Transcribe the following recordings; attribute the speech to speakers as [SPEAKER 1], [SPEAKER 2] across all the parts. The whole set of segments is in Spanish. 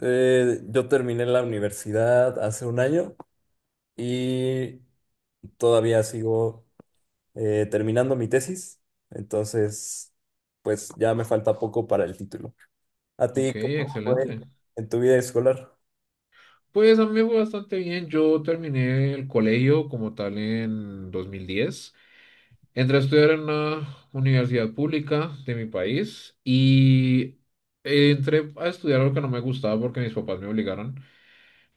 [SPEAKER 1] Yo terminé la universidad hace un año y todavía sigo terminando mi tesis. Entonces pues ya me falta poco para el título. ¿A
[SPEAKER 2] Ok,
[SPEAKER 1] ti cómo fue
[SPEAKER 2] excelente.
[SPEAKER 1] en tu vida escolar?
[SPEAKER 2] Pues a mí me fue bastante bien. Yo terminé el colegio como tal en 2010. Entré a estudiar en una universidad pública de mi país y entré a estudiar algo que no me gustaba porque mis papás me obligaron.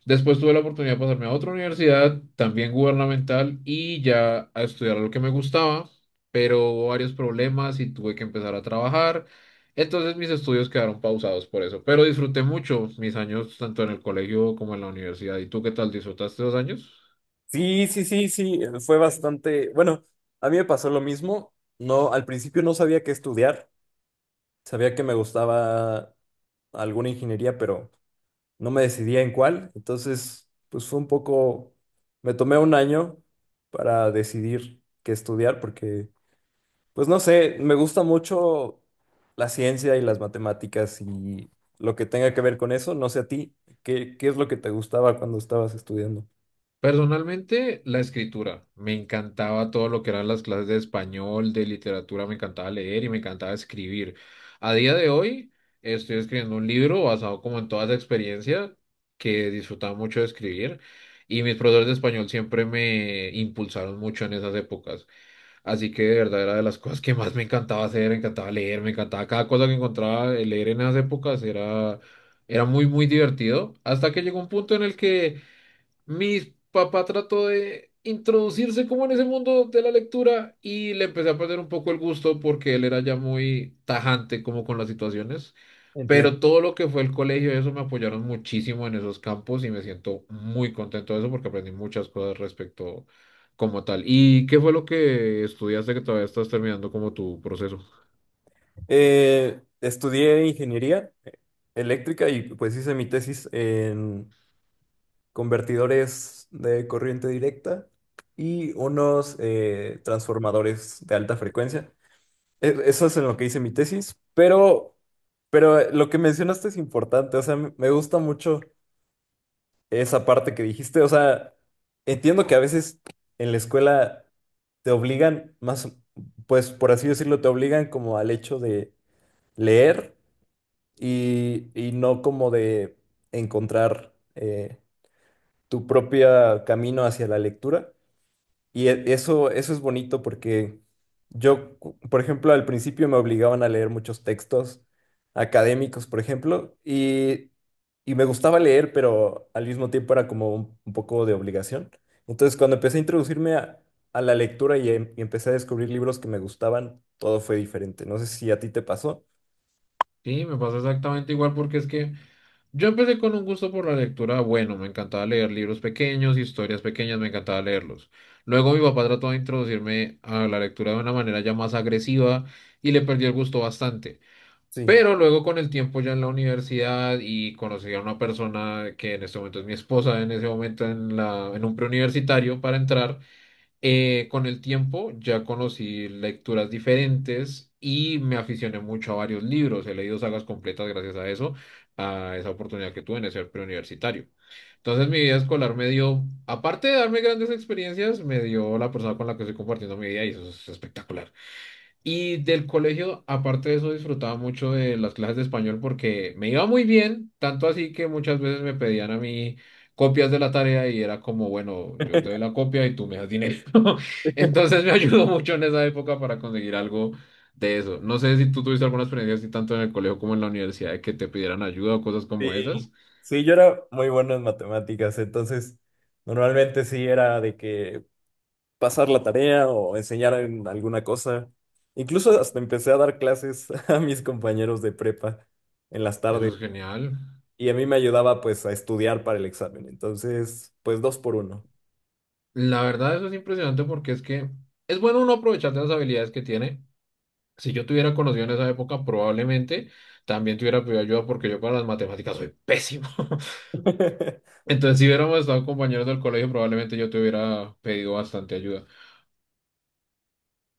[SPEAKER 2] Después tuve la oportunidad de pasarme a otra universidad, también gubernamental, y ya a estudiar lo que me gustaba, pero hubo varios problemas y tuve que empezar a trabajar. Entonces mis estudios quedaron pausados por eso, pero disfruté mucho mis años tanto en el colegio como en la universidad. ¿Y tú qué tal? ¿Disfrutaste dos años?
[SPEAKER 1] Sí, sí, sí, sí, fue bastante, bueno, a mí me pasó lo mismo. No, al principio no sabía qué estudiar, sabía que me gustaba alguna ingeniería, pero no me decidía en cuál, entonces pues fue un poco, me tomé un año para decidir qué estudiar, porque pues no sé, me gusta mucho la ciencia y las matemáticas y lo que tenga que ver con eso. No sé a ti, ¿qué es lo que te gustaba cuando estabas estudiando?
[SPEAKER 2] Personalmente, la escritura. Me encantaba todo lo que eran las clases de español, de literatura, me encantaba leer y me encantaba escribir. A día de hoy, estoy escribiendo un libro basado como en toda esa experiencia que disfrutaba mucho de escribir y mis profesores de español siempre me impulsaron mucho en esas épocas. Así que de verdad era de las cosas que más me encantaba hacer, me encantaba leer, me encantaba cada cosa que encontraba leer en esas épocas era muy, muy divertido hasta que llegó un punto en el que. Mi papá trató de introducirse como en ese mundo de la lectura y le empecé a perder un poco el gusto porque él era ya muy tajante como con las situaciones,
[SPEAKER 1] Entiendo.
[SPEAKER 2] pero todo lo que fue el colegio, eso me apoyaron muchísimo en esos campos y me siento muy contento de eso porque aprendí muchas cosas respecto como tal. ¿Y qué fue lo que estudiaste que todavía estás terminando como tu proceso?
[SPEAKER 1] Estudié ingeniería eléctrica y pues hice mi tesis, convertidores de corriente directa y unos transformadores de alta frecuencia. Eso es en lo que hice mi tesis, pero lo que mencionaste es importante. O sea, me gusta mucho esa parte que dijiste. O sea, entiendo que a veces en la escuela te obligan, más, pues por así decirlo, te obligan como al hecho de leer, y no como de encontrar tu propio camino hacia la lectura. Y eso, eso es bonito porque yo, por ejemplo, al principio me obligaban a leer muchos textos académicos, por ejemplo, y me gustaba leer, pero al mismo tiempo era como un poco de obligación. Entonces, cuando empecé a introducirme a la lectura, y, y empecé a descubrir libros que me gustaban, todo fue diferente. No sé si a ti te pasó.
[SPEAKER 2] Sí, me pasa exactamente igual porque es que. Yo empecé con un gusto por la lectura bueno, me encantaba leer libros pequeños, historias pequeñas, me encantaba leerlos. Luego mi papá trató de introducirme a la lectura de una manera ya más agresiva y le perdí el gusto bastante.
[SPEAKER 1] Sí.
[SPEAKER 2] Pero luego con el tiempo ya en la universidad y conocí a una persona que en este momento es mi esposa, en ese momento en en un preuniversitario para entrar. Con el tiempo ya conocí lecturas diferentes y me aficioné mucho a varios libros. He leído sagas completas gracias a eso, a esa oportunidad que tuve de ser preuniversitario. Entonces mi vida escolar me dio, aparte de darme grandes experiencias, me dio la persona con la que estoy compartiendo mi vida y eso es espectacular. Y del colegio, aparte de eso, disfrutaba mucho de las clases de español porque me iba muy bien, tanto así que muchas veces me pedían a mí copias de la tarea y era como, bueno, yo te doy la copia y tú me das dinero. Entonces me ayudó mucho en esa época para conseguir algo de eso. No sé si tú tuviste alguna experiencia así tanto en el colegio como en la universidad de que te pidieran ayuda o cosas
[SPEAKER 1] Sí,
[SPEAKER 2] como esas.
[SPEAKER 1] sí, yo era muy bueno en matemáticas, entonces normalmente sí era de que pasar la tarea o enseñar en alguna cosa. Incluso hasta empecé a dar clases a mis compañeros de prepa en las
[SPEAKER 2] Eso
[SPEAKER 1] tardes,
[SPEAKER 2] es genial.
[SPEAKER 1] y a mí me ayudaba pues a estudiar para el examen. Entonces pues dos por uno.
[SPEAKER 2] La verdad, eso es impresionante porque es que es bueno uno aprovechar de las habilidades que tiene. Si yo tuviera conocido en esa época, probablemente también tuviera pedido ayuda porque yo para las matemáticas soy pésimo. Entonces, si hubiéramos estado compañeros del colegio, probablemente yo te hubiera pedido bastante ayuda,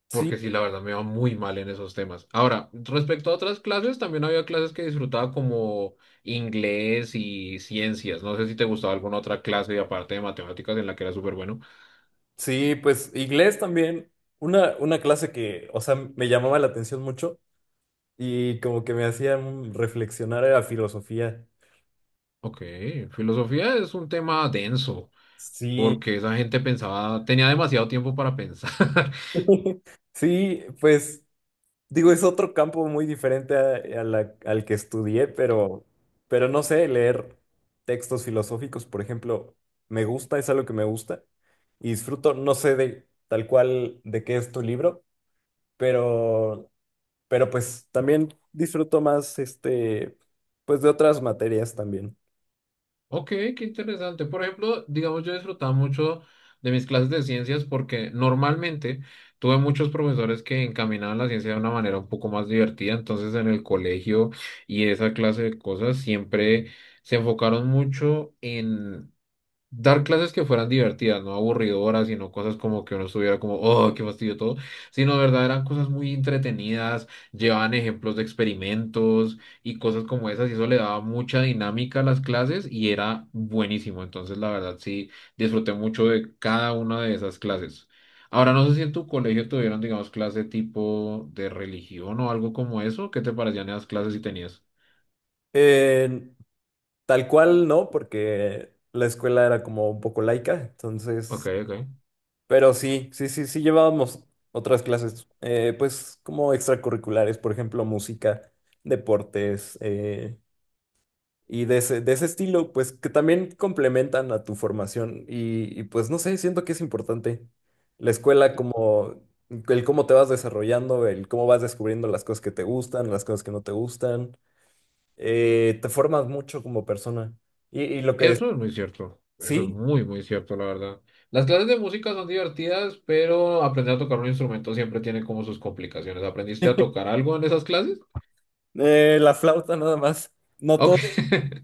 [SPEAKER 1] Sí,
[SPEAKER 2] porque sí, la verdad me va muy mal en esos temas. Ahora, respecto a otras clases, también había clases que disfrutaba como inglés y ciencias. No sé si te gustaba alguna otra clase aparte de matemáticas en la que era súper bueno.
[SPEAKER 1] sí, pues inglés también. Una clase que, o sea, me llamaba la atención mucho y como que me hacía reflexionar, a filosofía.
[SPEAKER 2] Ok, filosofía es un tema denso,
[SPEAKER 1] Sí,
[SPEAKER 2] porque esa gente pensaba, tenía demasiado tiempo para pensar.
[SPEAKER 1] sí, pues. Digo, es otro campo muy diferente al que estudié, pero, no sé, leer textos filosóficos, por ejemplo, me gusta, es algo que me gusta y disfruto. No sé de tal cual de qué es tu libro, pero, pues también disfruto más este, pues de otras materias también.
[SPEAKER 2] Ok, qué interesante. Por ejemplo, digamos, yo disfrutaba mucho de mis clases de ciencias porque normalmente tuve muchos profesores que encaminaban la ciencia de una manera un poco más divertida. Entonces, en el colegio y esa clase de cosas siempre se enfocaron mucho dar clases que fueran divertidas, no aburridoras, sino cosas como que uno estuviera como, oh, qué fastidio todo, sino de verdad eran cosas muy entretenidas, llevaban ejemplos de experimentos y cosas como esas, y eso le daba mucha dinámica a las clases y era buenísimo. Entonces, la verdad, sí, disfruté mucho de cada una de esas clases. Ahora, no sé si en tu colegio tuvieron, digamos, clase tipo de religión o algo como eso. ¿Qué te parecían esas clases si tenías?
[SPEAKER 1] Eh, Tal cual no, porque la escuela era como un poco laica,
[SPEAKER 2] Ok,
[SPEAKER 1] entonces.
[SPEAKER 2] ok.
[SPEAKER 1] Pero sí, sí, sí, sí llevábamos otras clases, pues como extracurriculares, por ejemplo, música, deportes, y de ese estilo, pues que también complementan a tu formación. Pues no sé, siento que es importante la escuela, como el cómo te vas desarrollando, el cómo vas descubriendo las cosas que te gustan, las cosas que no te gustan. Te formas mucho como persona. Y lo que es,
[SPEAKER 2] Eso es muy cierto, eso es
[SPEAKER 1] sí,
[SPEAKER 2] muy, muy cierto, la verdad. Las clases de música son divertidas, pero aprender a tocar un instrumento siempre tiene como sus complicaciones. ¿Aprendiste a tocar algo en esas clases?
[SPEAKER 1] la flauta nada más, no
[SPEAKER 2] Ok.
[SPEAKER 1] todos,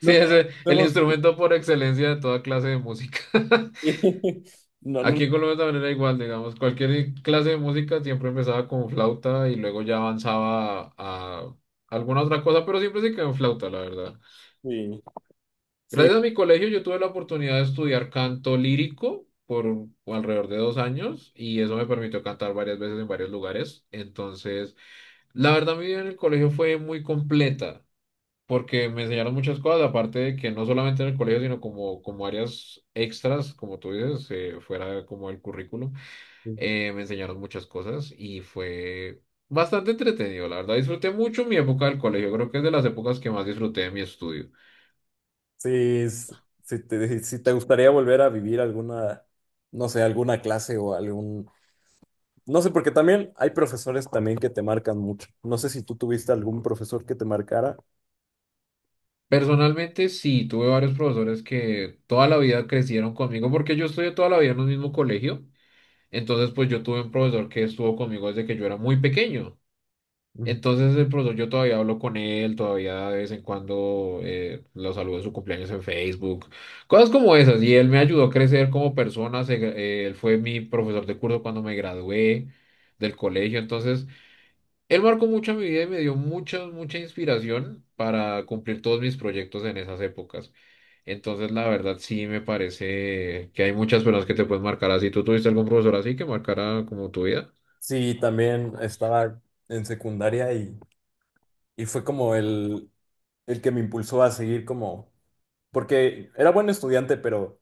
[SPEAKER 2] Sí,
[SPEAKER 1] no
[SPEAKER 2] es el
[SPEAKER 1] todos.
[SPEAKER 2] instrumento por excelencia de toda clase de música.
[SPEAKER 1] No, no,
[SPEAKER 2] Aquí en Colombia también era igual, digamos, cualquier clase de música siempre empezaba con flauta y luego ya avanzaba a alguna otra cosa, pero siempre se quedó en flauta, la verdad.
[SPEAKER 1] sí, sí,
[SPEAKER 2] Gracias a mi colegio yo tuve la oportunidad de estudiar canto lírico por alrededor de dos años y eso me permitió cantar varias veces en varios lugares. Entonces, la verdad mi vida en el colegio fue muy completa porque me enseñaron muchas cosas, aparte de que no solamente en el colegio, sino como, como áreas extras, como tú dices, fuera como el currículum, me enseñaron muchas cosas y fue bastante entretenido, la verdad. Disfruté mucho mi época del colegio, creo que es de las épocas que más disfruté de mi estudio.
[SPEAKER 1] sí, s- si te, si te gustaría volver a vivir alguna, no sé, alguna clase o algún, no sé, porque también hay profesores también que te marcan mucho. No sé si tú tuviste algún profesor que te marcara.
[SPEAKER 2] Personalmente sí, tuve varios profesores que toda la vida crecieron conmigo porque yo estudié toda la vida en un mismo colegio. Entonces, pues yo tuve un profesor que estuvo conmigo desde que yo era muy pequeño.
[SPEAKER 1] Ujú.
[SPEAKER 2] Entonces, el profesor, yo todavía hablo con él, todavía de vez en cuando lo saludo en su cumpleaños en Facebook, cosas como esas. Y él me ayudó a crecer como persona. Él fue mi profesor de curso cuando me gradué del colegio. Entonces, él marcó mucho mi vida y me dio mucha, mucha inspiración para cumplir todos mis proyectos en esas épocas. Entonces, la verdad, sí me parece que hay muchas personas que te pueden marcar así. ¿Tú tuviste algún profesor así que marcara como tu vida?
[SPEAKER 1] Sí, también estaba en secundaria, y fue como el que me impulsó a seguir, como, porque era buen estudiante, pero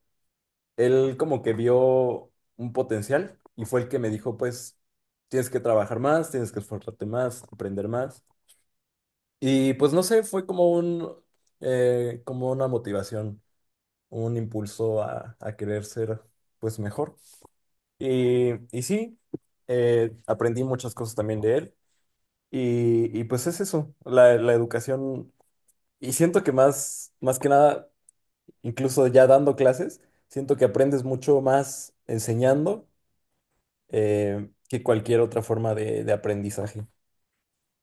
[SPEAKER 1] él como que vio un potencial y fue el que me dijo, pues, tienes que trabajar más, tienes que esforzarte más, aprender más. Y pues no sé, fue como un, como una motivación, un impulso a querer ser, pues, mejor. Y, y sí, aprendí muchas cosas también de él. Y pues es eso, la educación. Y siento que más, más que nada, incluso ya dando clases, siento que aprendes mucho más enseñando, que cualquier otra forma de aprendizaje.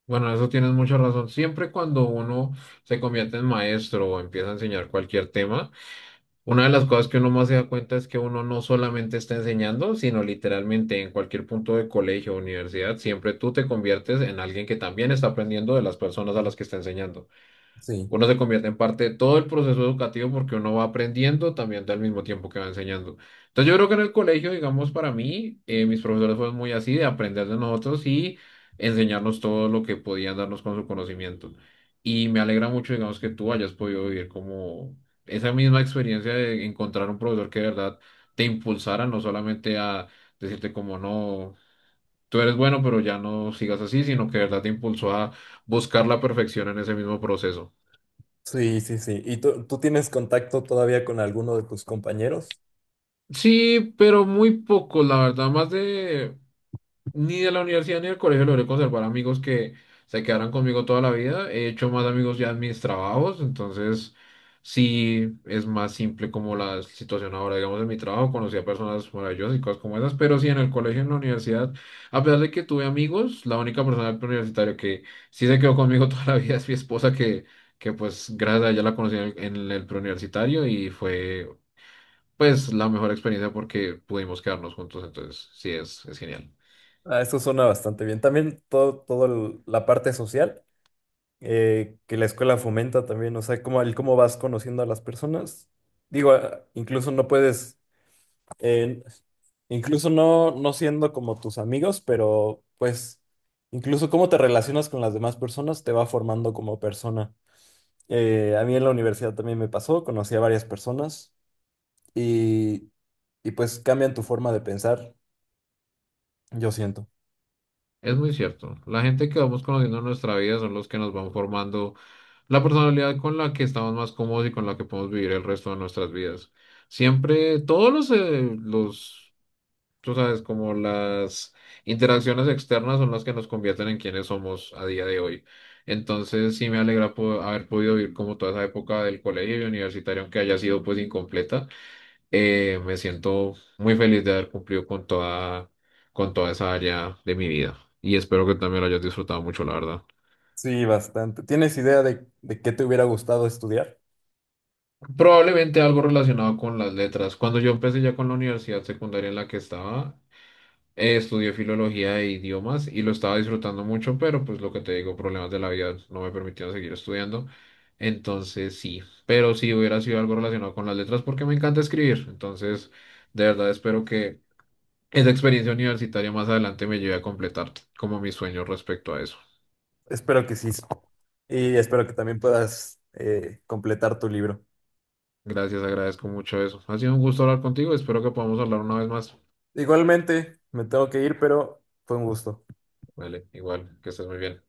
[SPEAKER 2] Bueno, en eso tienes mucha razón. Siempre cuando uno se convierte en maestro o empieza a enseñar cualquier tema, una de las cosas que uno más se da cuenta es que uno no solamente está enseñando, sino literalmente en cualquier punto de colegio o universidad, siempre tú te conviertes en alguien que también está aprendiendo de las personas a las que está enseñando.
[SPEAKER 1] Sí,
[SPEAKER 2] Uno se convierte en parte de todo el proceso educativo porque uno va aprendiendo también al mismo tiempo que va enseñando. Entonces yo creo que en el colegio, digamos, para mí, mis profesores fueron muy así, de aprender de nosotros y enseñarnos todo lo que podían darnos con su conocimiento. Y me alegra mucho, digamos, que tú hayas podido vivir como esa misma experiencia de encontrar un profesor que de verdad te impulsara, no solamente a decirte como no, tú eres bueno, pero ya no sigas así, sino que de verdad te impulsó a buscar la perfección en ese mismo proceso.
[SPEAKER 1] sí, sí, sí. ¿Y tú tienes contacto todavía con alguno de tus compañeros?
[SPEAKER 2] Sí, pero muy poco, la verdad, más de ni de la universidad ni del colegio logré conservar amigos que se quedaran conmigo toda la vida. He hecho más amigos ya en mis trabajos, entonces sí es más simple como la situación ahora, digamos, en mi trabajo, conocí a personas maravillosas y cosas como esas, pero sí en el colegio, en la universidad, a pesar de que tuve amigos, la única persona del universitario que sí se quedó conmigo toda la vida es mi esposa que pues gracias a ella la conocí en el preuniversitario y fue pues la mejor experiencia porque pudimos quedarnos juntos, entonces sí es genial.
[SPEAKER 1] Ah, eso suena bastante bien. También todo, la parte social, que la escuela fomenta también. O sea, cómo, el cómo vas conociendo a las personas. Digo, ah, incluso no puedes, eh, incluso no, no siendo como tus amigos, pero pues incluso cómo te relacionas con las demás personas te va formando como persona. A mí en la universidad también me pasó, conocí a varias personas, y, y pues cambian tu forma de pensar, yo siento.
[SPEAKER 2] Es muy cierto. La gente que vamos conociendo en nuestra vida son los que nos van formando la personalidad con la que estamos más cómodos y con la que podemos vivir el resto de nuestras vidas. Siempre, todos los, tú sabes, como las interacciones externas son las que nos convierten en quienes somos a día de hoy. Entonces, sí me alegra haber podido vivir como toda esa época del colegio y universitario, aunque haya sido pues incompleta. Me siento muy feliz de haber cumplido con con toda esa área de mi vida. Y espero que también lo hayas disfrutado mucho, la verdad.
[SPEAKER 1] Sí, bastante. ¿Tienes idea de qué te hubiera gustado estudiar?
[SPEAKER 2] Probablemente algo relacionado con las letras. Cuando yo empecé ya con la universidad secundaria en la que estaba, estudié filología e idiomas y lo estaba disfrutando mucho, pero pues lo que te digo, problemas de la vida no me permitieron seguir estudiando. Entonces sí, pero si hubiera sido algo relacionado con las letras porque me encanta escribir. Entonces, de verdad espero que esa experiencia universitaria más adelante me llevé a completar como mis sueños respecto a eso.
[SPEAKER 1] Espero que sí. Y espero que también puedas completar tu libro.
[SPEAKER 2] Gracias, agradezco mucho eso. Ha sido un gusto hablar contigo, espero que podamos hablar una vez más.
[SPEAKER 1] Igualmente, me tengo que ir, pero fue un gusto.
[SPEAKER 2] Vale, igual, que estés muy bien.